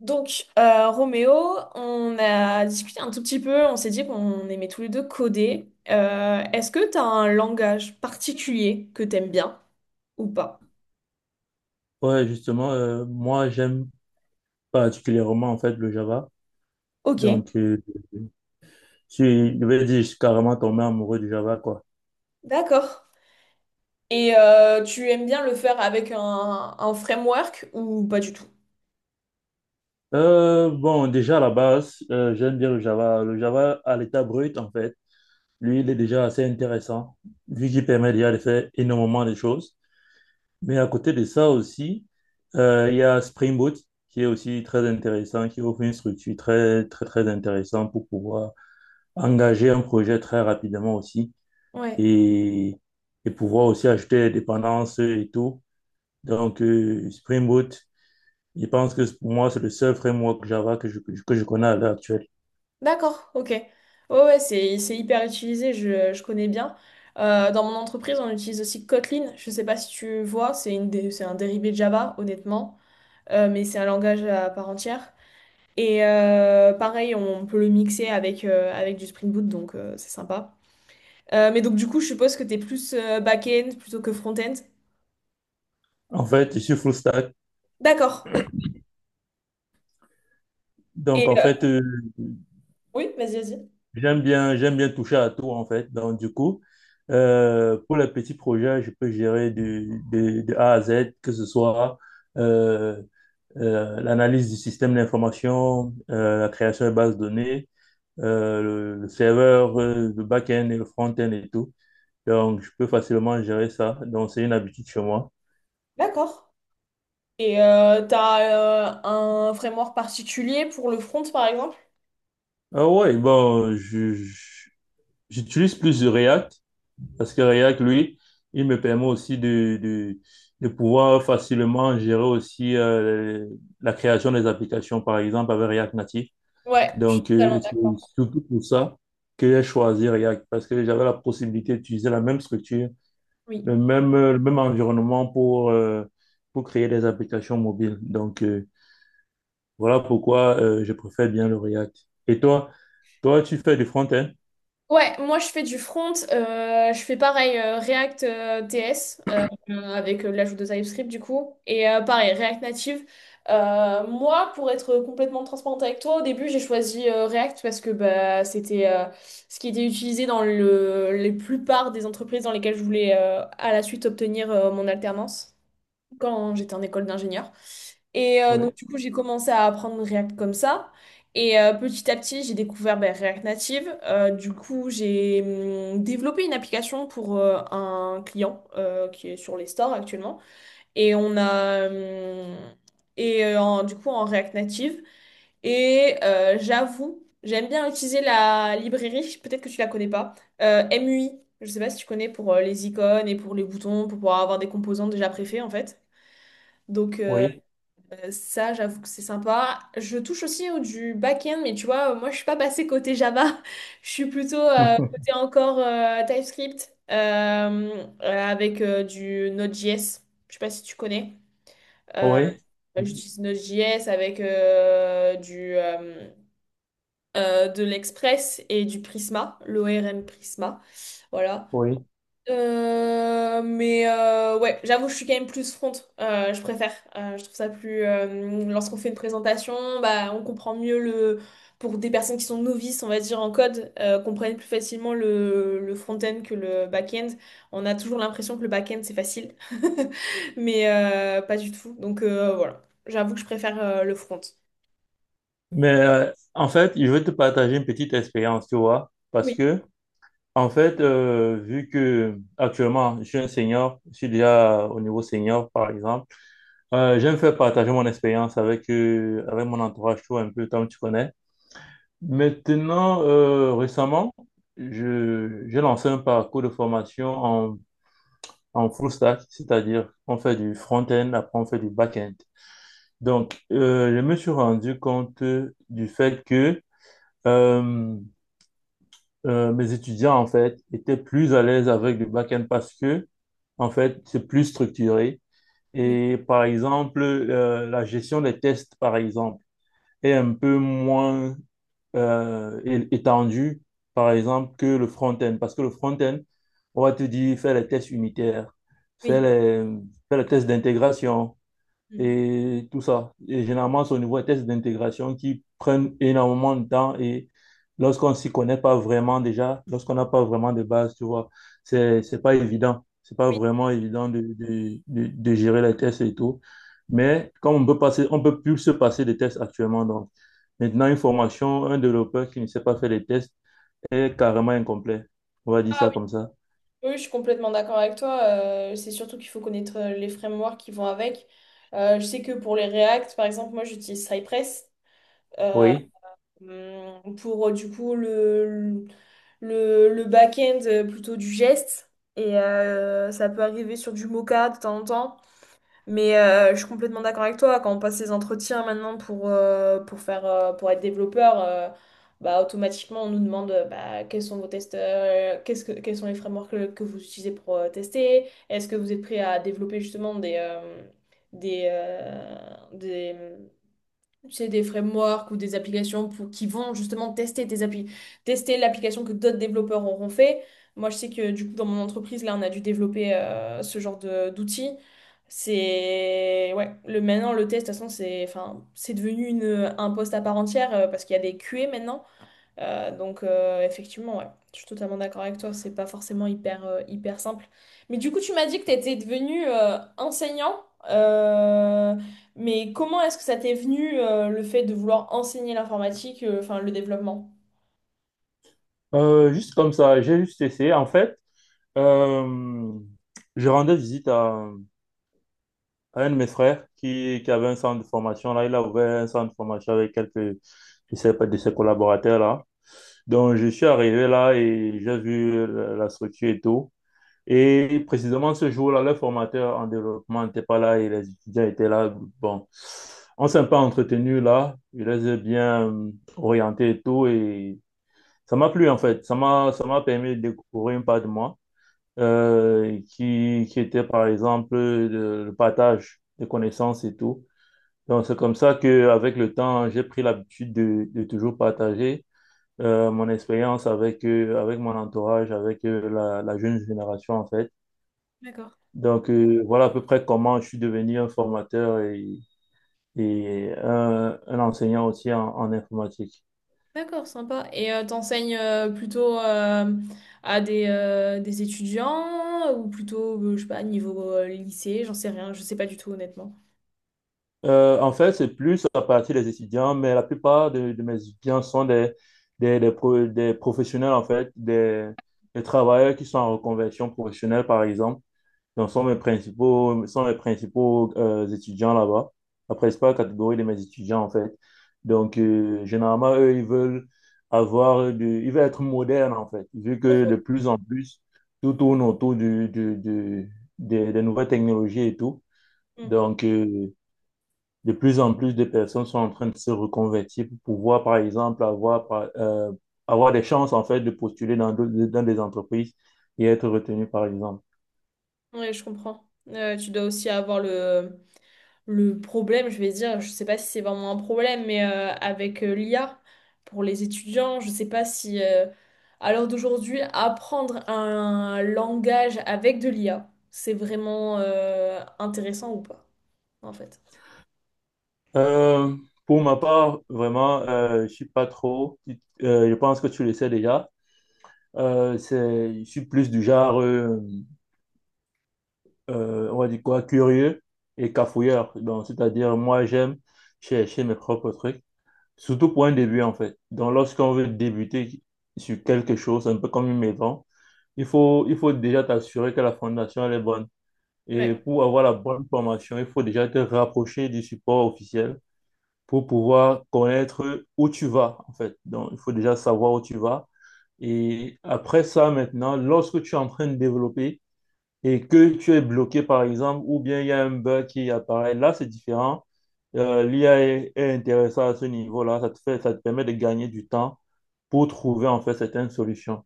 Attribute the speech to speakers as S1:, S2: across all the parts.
S1: Donc, Roméo, on a discuté un tout petit peu, on s'est dit qu'on aimait tous les deux coder. Est-ce que tu as un langage particulier que t'aimes bien ou pas?
S2: Ouais, justement, moi, j'aime particulièrement, en fait, le Java.
S1: Ok.
S2: Donc, euh, je vais dire, je suis carrément tombé amoureux du Java, quoi.
S1: D'accord. Et tu aimes bien le faire avec un framework ou pas du tout?
S2: Bon, déjà, à la base, j'aime bien le Java. Le Java, à l'état brut, en fait, lui, il est déjà assez intéressant, vu qu'il permet déjà de faire énormément de choses. Mais à côté de ça aussi, il y a Spring Boot, qui est aussi très intéressant, qui offre une structure très, très, très intéressante pour pouvoir engager un projet très rapidement aussi.
S1: Ouais.
S2: et, et pouvoir aussi ajouter des dépendances et tout. Donc, Spring Boot, je pense que pour moi, c'est le seul framework Java que je connais à l'heure actuelle.
S1: D'accord, ok. Ouais, ouais, c'est hyper utilisé, je connais bien. Dans mon entreprise, on utilise aussi Kotlin. Je sais pas si tu vois, c'est un dérivé de Java, honnêtement. Mais c'est un langage à part entière. Et pareil, on peut le mixer avec, avec du Spring Boot, donc c'est sympa. Mais donc du coup, je suppose que t'es plus back-end plutôt que front-end.
S2: En fait, je suis full stack.
S1: D'accord. Ok.
S2: Donc,
S1: Et
S2: en fait,
S1: oui, vas-y, vas-y.
S2: j'aime bien toucher à tout, en fait. Donc, du coup, pour les petits projets, je peux gérer de A à Z, que ce soit euh, l'analyse du système d'information, la création de bases de données, le serveur, le back-end et le front-end et tout. Donc, je peux facilement gérer ça. Donc, c'est une habitude chez moi.
S1: D'accord. Et t'as un framework particulier pour le front, par exemple?
S2: Ah ouais, bon, j'utilise plus de React parce que React, lui, il me permet aussi de pouvoir facilement gérer aussi la création des applications, par exemple, avec React Native.
S1: Ouais, je suis
S2: Donc,
S1: totalement
S2: c'est
S1: d'accord.
S2: surtout pour ça que j'ai choisi React parce que j'avais la possibilité d'utiliser la même structure
S1: Oui.
S2: le même environnement pour créer des applications mobiles. Donc, voilà pourquoi je préfère bien le React. Et toi, toi, tu fais du front-end?
S1: Ouais, moi je fais du front, je fais pareil React TS avec l'ajout de TypeScript du coup, et pareil React Native. Moi, pour être complètement transparente avec toi, au début j'ai choisi React parce que bah, c'était ce qui était utilisé dans les plupart des entreprises dans lesquelles je voulais à la suite obtenir mon alternance quand j'étais en école d'ingénieur. Et donc,
S2: Oui,
S1: du coup, j'ai commencé à apprendre React comme ça. Et petit à petit, j'ai découvert ben, React Native. Du coup, j'ai développé une application pour un client qui est sur les stores actuellement. Et on a. Et du coup, en React Native. Et j'avoue, j'aime bien utiliser la librairie, peut-être que tu la connais pas, MUI. Je sais pas si tu connais pour les icônes et pour les boutons, pour pouvoir avoir des composants déjà préfaits en fait. Donc
S2: oui,
S1: ça, j'avoue que c'est sympa. Je touche du back-end, mais tu vois, moi, je suis pas passée côté Java. Je suis plutôt côté encore TypeScript avec du Node.js. Je sais pas si tu connais. Euh,
S2: oui,
S1: J'utilise Node.js avec de l'Express et du Prisma, l'ORM Prisma. Voilà.
S2: oui.
S1: Ouais, j'avoue, je suis quand même plus front. Je préfère. Je trouve ça plus, lorsqu'on fait une présentation, bah, on comprend mieux le. Pour des personnes qui sont novices, on va dire en code, comprennent plus facilement le front-end que le back-end. On a toujours l'impression que le back-end c'est facile, mais pas du tout. Donc voilà, j'avoue que je préfère le front.
S2: Mais en fait, je vais te partager une petite expérience, tu vois, parce
S1: Oui,
S2: que, en fait, vu que actuellement, je suis un senior, je suis déjà au niveau senior, par exemple, j'aime faire partager mon expérience avec, avec mon entourage, tu vois, un peu, comme tu connais. Maintenant, récemment, j'ai lancé un parcours de formation en, en full stack, c'est-à-dire on fait du front-end, après on fait du back-end. Donc, je me suis rendu compte du fait que euh, mes étudiants, en fait, étaient plus à l'aise avec le back-end parce que, en fait, c'est plus structuré.
S1: oui,
S2: Et par exemple, la gestion des tests, par exemple, est un peu moins étendue, par exemple, que le front-end. Parce que le front-end, on va te dire, fais les tests unitaires, fais
S1: oui.
S2: les, fais les tests d'intégration,
S1: Mm.
S2: et tout ça. Et généralement, c'est au niveau des tests d'intégration qui prennent énormément de temps et lorsqu'on ne s'y connaît pas vraiment déjà, lorsqu'on n'a pas vraiment de base, tu vois, c'est pas évident. C'est pas
S1: Oui.
S2: vraiment évident de gérer les tests et tout. Mais comme on peut passer, on peut plus se passer des tests actuellement. Donc, maintenant, une formation, un développeur qui ne sait pas faire les tests est carrément incomplet. On va dire ça comme ça.
S1: Oui, je suis complètement d'accord avec toi. C'est surtout qu'il faut connaître les frameworks qui vont avec. Je sais que pour les React, par exemple, moi j'utilise Cypress euh,
S2: Oui.
S1: pour du coup le back-end plutôt du geste. Et ça peut arriver sur du Mocha de temps en temps. Mais je suis complètement d'accord avec toi. Quand on passe les entretiens maintenant pour faire, pour être développeur, bah, automatiquement, on nous demande bah, quels sont vos tests, qu'est-ce que, quels sont les frameworks que vous utilisez pour tester. Est-ce que vous êtes prêt à développer justement des, des, euh, des, c'est des frameworks ou des applications pour, qui vont justement tester l'application que d'autres développeurs auront fait. Moi, je sais que du coup, dans mon entreprise, là, on a dû développer ce genre de d'outils. C'est ouais, le maintenant le test, de toute façon, c'est devenu un poste à part entière parce qu'il y a des QA maintenant. Effectivement, ouais, je suis totalement d'accord avec toi, c'est pas forcément hyper, hyper simple. Mais du coup, tu m'as dit que tu étais devenu enseignant, mais comment est-ce que ça t'est venu le fait de vouloir enseigner l'informatique, enfin le développement?
S2: Juste comme ça, j'ai juste essayé. En fait, Euh, je rendais visite à un de mes frères qui avait un centre de formation. Là, il a ouvert un centre de formation avec quelques, je sais pas, de ses collaborateurs là. Donc, je suis arrivé là et j'ai vu la structure et tout. Et précisément ce jour-là, le formateur en développement n'était pas là et les étudiants étaient là. Bon, on s'est un peu entretenu là. Je les ai bien orientés et tout. Et ça m'a plu en fait. Ça m'a permis de découvrir une part de moi qui était par exemple le partage de connaissances et tout. Donc c'est comme ça que avec le temps, j'ai pris l'habitude de toujours partager mon expérience avec avec mon entourage, avec la jeune génération en fait.
S1: D'accord,
S2: Donc voilà à peu près comment je suis devenu un formateur et un enseignant aussi en en informatique.
S1: d'accord, sympa. Et t'enseignes plutôt à des étudiants ou plutôt, je sais pas, niveau lycée, j'en sais rien, je sais pas du tout honnêtement.
S2: En fait, c'est plus à partir des étudiants, mais la plupart de mes étudiants sont des, des, des professionnels, en fait, des travailleurs qui sont en reconversion professionnelle, par exemple. Donc, sont mes principaux étudiants là-bas, la principale catégorie de mes étudiants, en fait. Donc, généralement, eux, ils veulent ils veulent être modernes, en fait, vu que de plus en plus, tout tourne autour des nouvelles technologies et tout.
S1: Hmm.
S2: Donc, de plus en plus de personnes sont en train de se reconvertir pour pouvoir, par exemple, avoir des chances, en fait, de postuler dans des entreprises et être retenu, par exemple.
S1: Ouais, je comprends. Tu dois aussi avoir le problème, je vais dire, je sais pas si c'est vraiment un problème, mais avec l'IA pour les étudiants, je sais pas si à l'heure d'aujourd'hui, apprendre un langage avec de l'IA, c'est vraiment intéressant ou pas, en fait.
S2: Euh, pour ma part, vraiment, je suis pas trop, je pense que tu le sais déjà. Je suis plus du genre, on va dire quoi, curieux et cafouilleur. Donc, c'est-à-dire, moi, j'aime chercher mes propres trucs. Surtout pour un début, en fait. Donc, lorsqu'on veut débuter sur quelque chose, un peu comme une maison, il faut déjà t'assurer que la fondation, elle est bonne. Et
S1: Ouais,
S2: pour avoir la bonne formation, il faut déjà te rapprocher du support officiel pour pouvoir connaître où tu vas, en fait. Donc, il faut déjà savoir où tu vas. Et après ça, maintenant, lorsque tu es en train de développer, et que tu es bloqué, par exemple, ou bien il y a un bug qui apparaît. Là, c'est différent. L'IA est intéressant à ce niveau-là. Ça te permet de gagner du temps pour trouver, en fait, certaines solutions.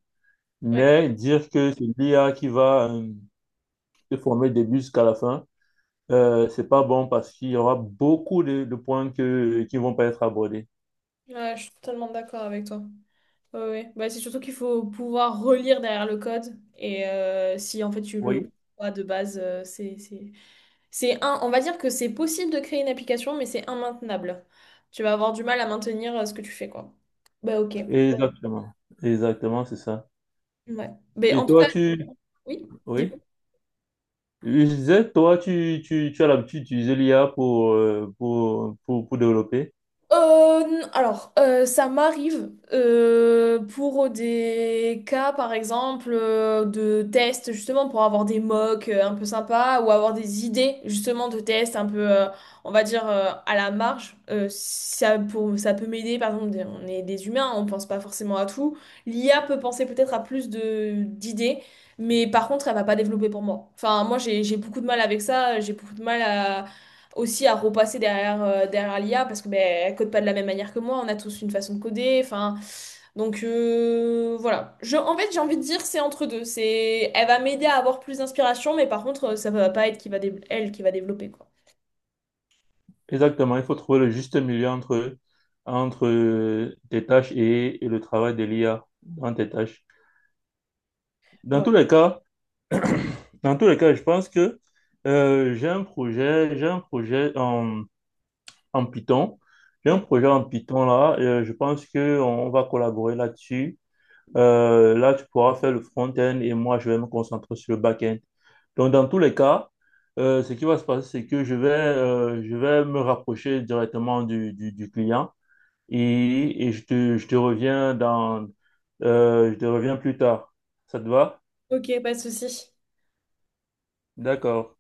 S1: ouais,
S2: Mais dire que c'est l'IA qui va te former du début jusqu'à la fin, c'est pas bon parce qu'il y aura beaucoup de points qui vont pas être abordés.
S1: ouais, je suis totalement d'accord avec toi. Ouais, ouais. Bah, c'est surtout qu'il faut pouvoir relire derrière le code et si en fait tu le
S2: Oui,
S1: comprends pas de base, c'est un, on va dire que c'est possible de créer une application, mais c'est immaintenable. Tu vas avoir du mal à maintenir ce que tu fais, quoi. Bah ok.
S2: exactement. Exactement, c'est ça.
S1: Ouais. Mais
S2: Et
S1: en tout
S2: toi,
S1: cas,
S2: tu...
S1: oui.
S2: Oui. Je disais, toi, tu as l'habitude d'utiliser l'IA pour, pour développer.
S1: Alors, ça m'arrive pour des cas, par exemple, de tests, justement, pour avoir des mocks un peu sympas ou avoir des idées, justement, de tests un peu, on va dire, à la marge. Ça, pour, ça peut m'aider, par exemple, on est des humains, on pense pas forcément à tout. L'IA peut penser peut-être à plus de d'idées, mais par contre, elle va pas développer pour moi. Enfin, moi, j'ai beaucoup de mal avec ça, j'ai beaucoup de mal à aussi à repasser derrière, derrière l'IA parce que ben, elle code pas de la même manière que moi, on a tous une façon de coder, enfin donc voilà. En fait, j'ai envie de dire c'est entre deux, c'est elle va m'aider à avoir plus d'inspiration mais par contre ça va pas être qui va elle qui va développer quoi.
S2: Exactement, il faut trouver le juste milieu entre, entre tes tâches et le travail de l'IA dans tes tâches. Dans
S1: Ouais.
S2: tous les cas, dans tous les cas, je pense que j'ai un projet en, en Python. J'ai un
S1: Ouais.
S2: projet en Python là. Je pense qu'on va collaborer là-dessus. Là, tu pourras faire le front-end et moi, je vais me concentrer sur le back-end. Donc, dans tous les cas, ce qui va se passer, c'est que je vais me rapprocher directement du client et je te reviens dans, je te reviens plus tard. Ça te va?
S1: Ok, pas de souci.
S2: D'accord.